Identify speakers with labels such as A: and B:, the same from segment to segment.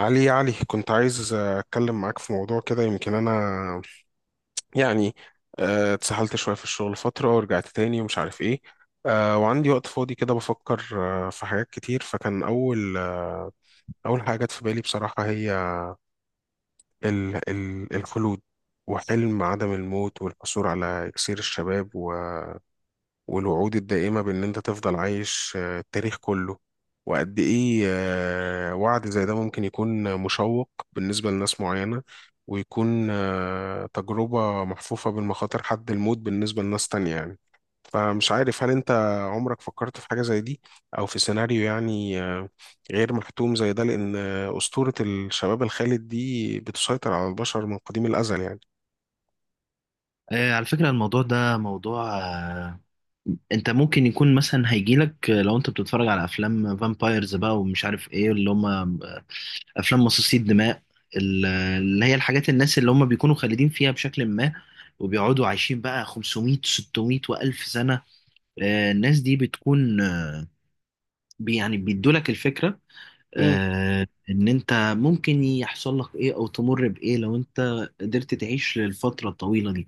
A: علي يا علي كنت عايز أتكلم معاك في موضوع كده يمكن أنا يعني اتسحلت شوية في الشغل فترة ورجعت تاني ومش عارف إيه. وعندي وقت فاضي كده بفكر في حاجات كتير، فكان أول حاجة جت في بالي بصراحة هي ال الخلود، وحلم عدم الموت والحصول على إكسير الشباب، والوعود الدائمة بإن أنت تفضل عايش التاريخ كله. وقد إيه وعد زي ده ممكن يكون مشوق بالنسبة لناس معينة، ويكون تجربة محفوفة بالمخاطر حد الموت بالنسبة لناس تانية يعني. فمش عارف، هل أنت عمرك فكرت في حاجة زي دي، أو في سيناريو يعني غير محتوم زي ده؟ لأن أسطورة الشباب الخالد دي بتسيطر على البشر من قديم الأزل يعني.
B: على فكرة الموضوع ده موضوع، انت ممكن يكون مثلا هيجيلك، لو انت بتتفرج على افلام فامبايرز بقى ومش عارف ايه اللي هم، افلام مصاصي الدماء، اللي هي الحاجات، الناس اللي هم بيكونوا خالدين فيها بشكل ما وبيقعدوا عايشين بقى 500 600 و1000 سنة. الناس دي بتكون، يعني بيدولك الفكرة، ان انت ممكن يحصل لك ايه او تمر بايه لو انت قدرت تعيش للفترة الطويلة.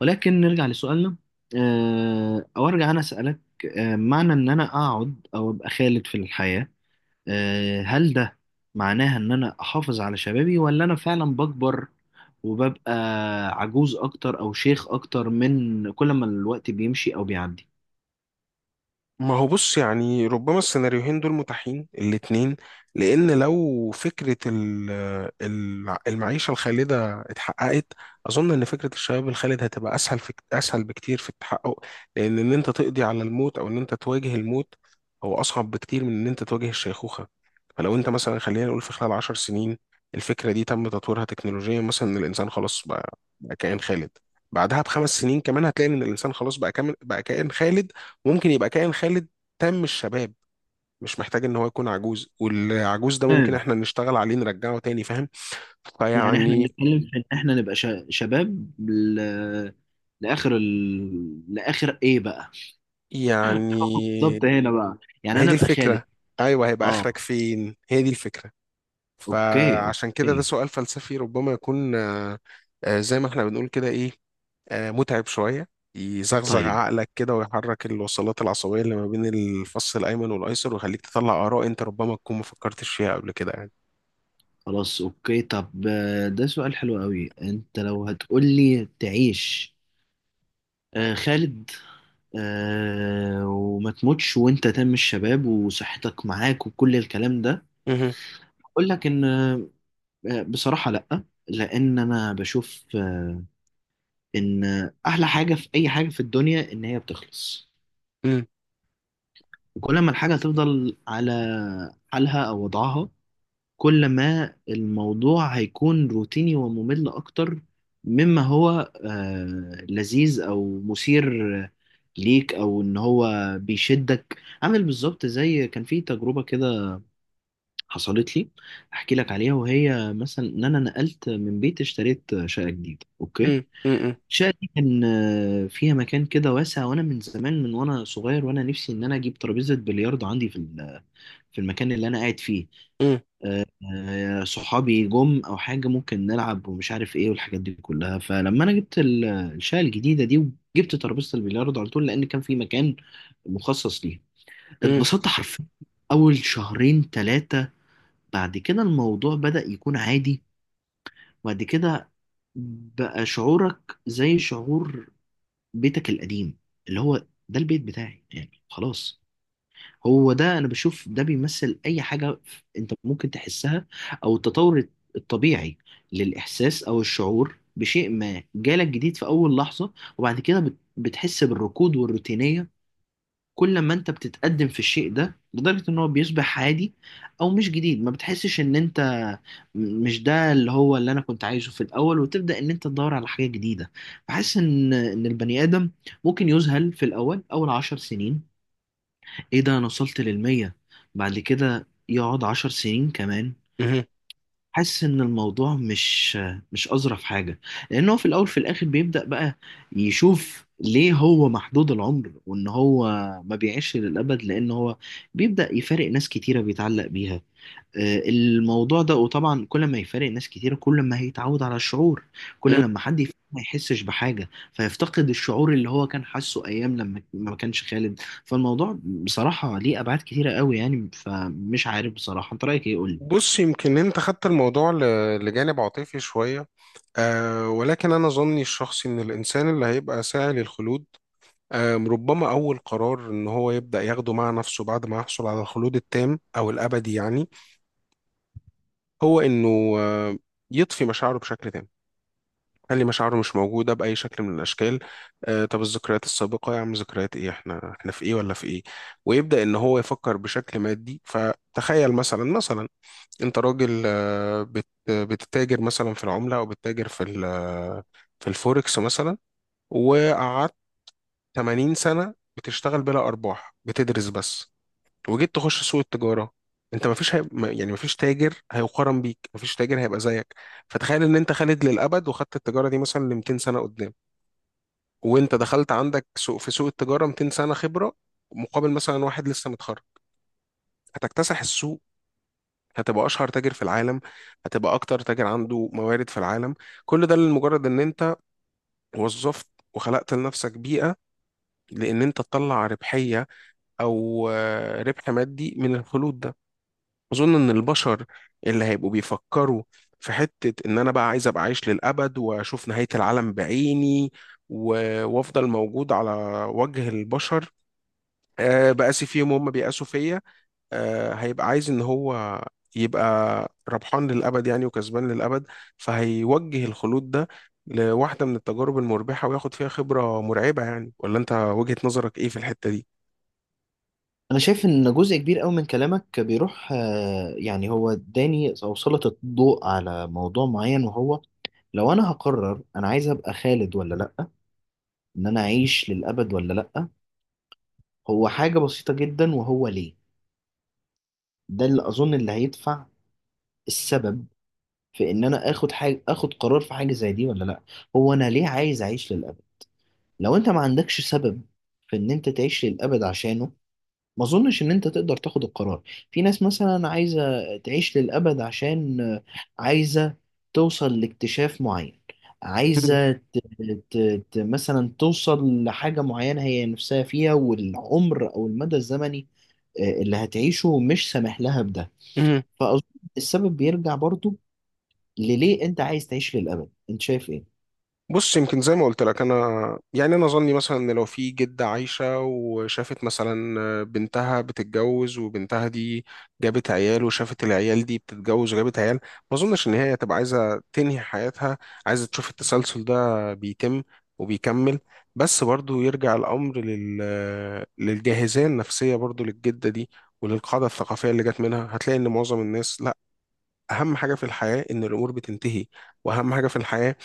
B: ولكن نرجع لسؤالنا، أو أرجع أنا أسألك، معنى إن أنا أقعد أو أبقى خالد في الحياة، هل ده معناها إن أنا أحافظ على شبابي ولا أنا فعلا بكبر وببقى عجوز أكتر أو شيخ أكتر من كل ما الوقت بيمشي أو بيعدي؟
A: ما هو بص، يعني ربما السيناريوهين دول متاحين الاتنين، لأن لو فكرة المعيشة الخالدة اتحققت، أظن إن فكرة الشباب الخالد هتبقى أسهل بكتير في التحقق، لأن إن أنت تقضي على الموت أو إن أنت تواجه الموت هو أصعب بكتير من إن أنت تواجه الشيخوخة. فلو أنت مثلا، خلينا نقول، في خلال 10 سنين الفكرة دي تم تطويرها تكنولوجيا، مثلا إن الإنسان خلاص بقى كائن خالد. بعدها ب5 سنين كمان هتلاقي إن الإنسان خلاص بقى كامل، بقى كائن خالد. ممكن يبقى كائن خالد تام الشباب، مش محتاج ان هو يكون عجوز، والعجوز ده ممكن
B: تمام.
A: احنا نشتغل عليه نرجعه تاني، فاهم؟
B: يعني إحنا
A: فيعني
B: بنتكلم في إن إحنا نبقى شباب لآخر لآخر إيه بقى؟
A: يعني
B: بالظبط هنا بقى،
A: ما
B: يعني
A: هي
B: أنا
A: دي
B: أبقى خالد.
A: الفكرة. ايوه، هيبقى
B: آه،
A: اخرك فين، هي دي الفكرة.
B: أوكي
A: فعشان كده ده
B: أوكي.
A: سؤال فلسفي، ربما يكون زي ما احنا بنقول كده، ايه، متعب شوية، يزغزغ
B: طيب
A: عقلك كده ويحرك الوصلات العصبية اللي ما بين الفص الأيمن والأيسر، ويخليك تطلع آراء أنت ربما تكون ما فكرتش فيها قبل كده يعني.
B: خلاص اوكي. طب، ده سؤال حلو قوي. انت لو هتقولي تعيش، خالد، وما تموتش وانت تم الشباب وصحتك معاك وكل الكلام ده،
A: مهم.
B: اقول لك ان، بصراحة لا. لان انا بشوف، ان احلى حاجة في اي حاجة في الدنيا ان هي بتخلص،
A: مم.
B: وكل ما الحاجة تفضل على حالها او وضعها كل ما الموضوع هيكون روتيني وممل أكتر مما هو لذيذ أو مثير ليك، أو إن هو بيشدك. عامل بالظبط زي كان في تجربة كده حصلت لي أحكي لك عليها، وهي مثلا إن أنا نقلت من بيت، اشتريت شقة جديدة. أوكي،
A: مم. مم.
B: الشقة دي كان فيها مكان كده واسع، وأنا من زمان وأنا صغير وأنا نفسي إن أنا أجيب ترابيزة بلياردو عندي في في المكان اللي أنا قاعد فيه.
A: مم.
B: صحابي جم او حاجه ممكن نلعب ومش عارف ايه والحاجات دي كلها. فلما انا جبت الشقه الجديده دي وجبت ترابيزه البلياردو على طول لان كان في مكان مخصص ليها،
A: مم.
B: اتبسطت حرفيا اول شهرين ثلاثه. بعد كده الموضوع بدأ يكون عادي، وبعد كده بقى شعورك زي شعور بيتك القديم، اللي هو ده البيت بتاعي، يعني خلاص. هو ده انا بشوف، ده بيمثل اي حاجه انت ممكن تحسها، او التطور الطبيعي للاحساس او الشعور بشيء ما جالك جديد في اول لحظه وبعد كده بتحس بالركود والروتينيه. كل ما انت بتتقدم في الشيء ده لدرجه ان هو بيصبح عادي او مش جديد، ما بتحسش ان انت مش ده اللي هو اللي انا كنت عايزه في الاول، وتبدا ان انت تدور على حاجه جديده. بحس ان البني ادم ممكن يذهل في الاول، اول 10 سنين. ايه ده، انا وصلت للمية؟ بعد كده يقعد 10 سنين كمان
A: مم.
B: حاسس ان الموضوع مش اظرف حاجة. لانه في الاول في الاخر بيبدأ بقى يشوف ليه هو محدود العمر وان هو ما بيعيش للابد، لان هو بيبدأ يفارق ناس كتيرة بيتعلق بيها. الموضوع ده، وطبعا كل ما يفارق ناس كتير كل ما هيتعود على الشعور. كل
A: مم.
B: لما حد يفارق ما يحسش بحاجة، فيفتقد الشعور اللي هو كان حاسه أيام لما ما كانش خالد. فالموضوع بصراحة ليه أبعاد كتيرة قوي يعني، فمش عارف بصراحة، أنت رأيك إيه؟ قولي.
A: بص، يمكن انت خدت الموضوع لجانب عاطفي شوية، آه، ولكن انا ظني الشخصي ان الانسان اللي هيبقى ساعي للخلود، آه، ربما اول قرار ان هو يبدأ ياخده مع نفسه بعد ما يحصل على الخلود التام او الابدي يعني، هو انه آه يطفي مشاعره بشكل تام، خلي مشاعره مش موجودة بأي شكل من الأشكال. آه، طب الذكريات السابقة يا عم؟ ذكريات إيه، إحنا في إيه ولا في إيه؟ ويبدأ إن هو يفكر بشكل مادي. فتخيل، مثلا انت راجل، آه، بتتاجر مثلا في العملة او بتتاجر في الفوركس مثلا، وقعدت 80 سنة بتشتغل بلا ارباح، بتدرس بس، وجيت تخش سوق التجارة. انت مفيش يعني مفيش تاجر هيقارن بيك، مفيش تاجر هيبقى زيك. فتخيل ان انت خالد للابد، وخدت التجارة دي مثلا ل 200 سنة قدام، وانت دخلت عندك سوق، في سوق التجارة 200 سنة خبرة، مقابل مثلا واحد لسه متخرج. هتكتسح السوق، هتبقى اشهر تاجر في العالم، هتبقى اكتر تاجر عنده موارد في العالم. كل ده لمجرد ان انت وظفت وخلقت لنفسك بيئة، لان انت تطلع ربحية او آه، ربح مادي من الخلود ده. اظن ان البشر اللي هيبقوا بيفكروا في حتة ان انا بقى عايز ابقى عايش للابد واشوف نهاية العالم بعيني، وافضل موجود على وجه البشر، آه، بقاسي فيهم وهم بيقاسوا فيا، آه، هيبقى عايز ان هو يبقى ربحان للابد يعني، وكسبان للابد. فهيوجه الخلود ده لواحده من التجارب المربحه، وياخد فيها خبره مرعبه يعني. ولا انت وجهة نظرك ايه في الحته
B: انا شايف ان جزء كبير قوي من كلامك بيروح، يعني هو اداني او سلط الضوء على موضوع معين، وهو لو انا هقرر انا عايز ابقى خالد ولا لا، ان انا اعيش للابد ولا لا، هو حاجة بسيطة جدا. وهو ليه ده اللي اظن اللي هيدفع السبب في ان انا اخد حاجه، اخد قرار في حاجه زي دي ولا لا، هو انا ليه عايز اعيش للابد. لو انت ما عندكش سبب في ان انت تعيش للابد عشانه ما اظنش ان انت تقدر تاخد القرار. في ناس مثلا عايزه تعيش للابد عشان، عايزه توصل لاكتشاف معين.
A: دي؟
B: عايزة ت... مثلا توصل لحاجة معينة هي نفسها فيها، والعمر أو المدى الزمني اللي هتعيشه مش سامح لها بده. فأظن السبب بيرجع برضو لليه أنت عايز تعيش للأبد. أنت شايف إيه؟
A: بص، يمكن زي ما قلت لك، انا يعني انا ظني مثلا ان لو في جده عايشه، وشافت مثلا بنتها بتتجوز، وبنتها دي جابت عيال، وشافت العيال دي بتتجوز وجابت عيال، ما اظنش ان هي هتبقى عايزه تنهي حياتها. عايزه تشوف التسلسل ده بيتم وبيكمل. بس برضو يرجع الامر للجاهزيه النفسيه برضو للجده دي، وللقاعده الثقافيه اللي جت منها. هتلاقي ان معظم الناس لا، اهم حاجه في الحياه ان الامور بتنتهي، واهم حاجه في الحياه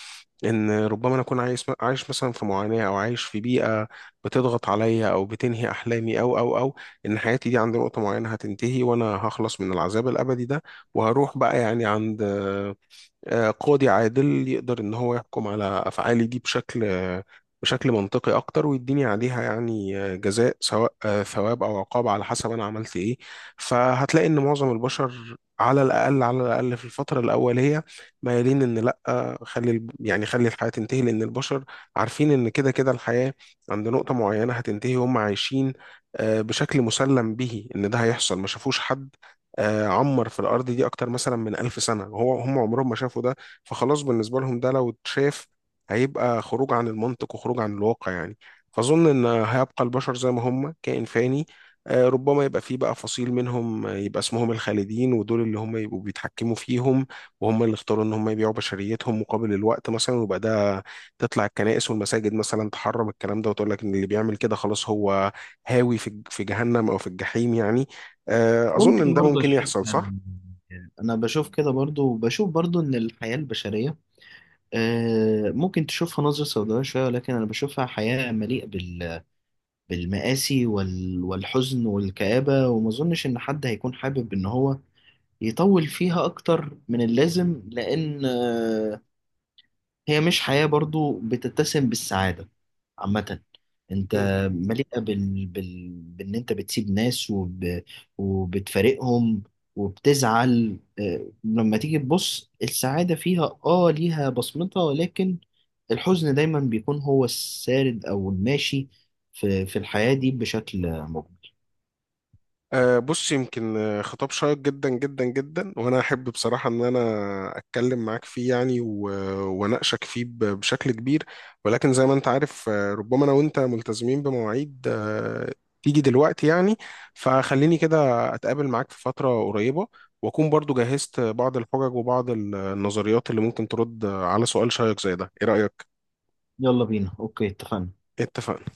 A: ان ربما انا اكون عايش مثلا في معاناه، او عايش في بيئه بتضغط عليا او بتنهي احلامي، او او او ان حياتي دي عند نقطه معينه هتنتهي، وانا هخلص من العذاب الابدي ده، وهروح بقى يعني عند آه، قاضي عادل يقدر ان هو يحكم على افعالي دي بشكل آه، بشكل منطقي اكتر، ويديني عليها يعني آه، جزاء، سواء آه، ثواب او عقاب على حسب انا عملت ايه. فهتلاقي ان معظم البشر على الاقل، على الاقل في الفتره الاوليه مايلين ان لا، آه، خلي يعني خلي الحياه تنتهي، لان البشر عارفين ان كده كده الحياه عند نقطه معينه هتنتهي، وهم عايشين آه، بشكل مسلم به ان ده هيحصل. ما شافوش حد آه، عمر في الأرض دي أكتر مثلا من 1000 سنة، هو هم عمرهم ما شافوا ده. فخلاص بالنسبة لهم ده لو اتشاف هيبقى خروج عن المنطق وخروج عن الواقع يعني. فأظن إن هيبقى البشر زي ما هم، كائن فاني، آه، ربما يبقى فيه بقى فصيل منهم، آه، يبقى اسمهم الخالدين، ودول اللي هم يبقوا بيتحكموا فيهم، وهم اللي اختاروا إن هم يبيعوا بشريتهم مقابل الوقت مثلا. ويبقى ده تطلع الكنائس والمساجد مثلا تحرم الكلام ده، وتقول لك إن اللي بيعمل كده خلاص هو هاوي في جهنم أو في الجحيم يعني. آه، أظن إن
B: ممكن
A: ده
B: برضو
A: ممكن
B: الشيء.
A: يحصل، صح؟
B: أنا بشوف كده برضو، وبشوف برضو إن الحياة البشرية، ممكن تشوفها نظرة سوداوية شوية، ولكن أنا بشوفها حياة مليئة بالمآسي والحزن والكآبة. وما أظنش إن حد هيكون حابب إن هو يطول فيها أكتر من اللازم، لأن هي مش حياة برضو بتتسم بالسعادة عامة. انت
A: مم.
B: مليئة بان انت بتسيب ناس وبتفارقهم وبتزعل. لما تيجي تبص السعادة فيها، اه ليها بصمتها، ولكن الحزن دايما بيكون هو السارد او الماشي في الحياة دي بشكل مجمل.
A: آه، بص، يمكن آه، خطاب شيق جدا جدا جدا، وأنا أحب بصراحة إن أنا أتكلم معاك فيه يعني، وأناقشك فيه بشكل كبير، ولكن زي ما أنت عارف، آه، ربما أنا وأنت ملتزمين بمواعيد آه، تيجي دلوقتي يعني. فخليني كده أتقابل معاك في فترة قريبة، وأكون برضو جهزت بعض الحجج وبعض النظريات اللي ممكن ترد على سؤال شيق زي ده، إيه رأيك؟
B: يلا بينا، اوكي اتفقنا.
A: إيه اتفقنا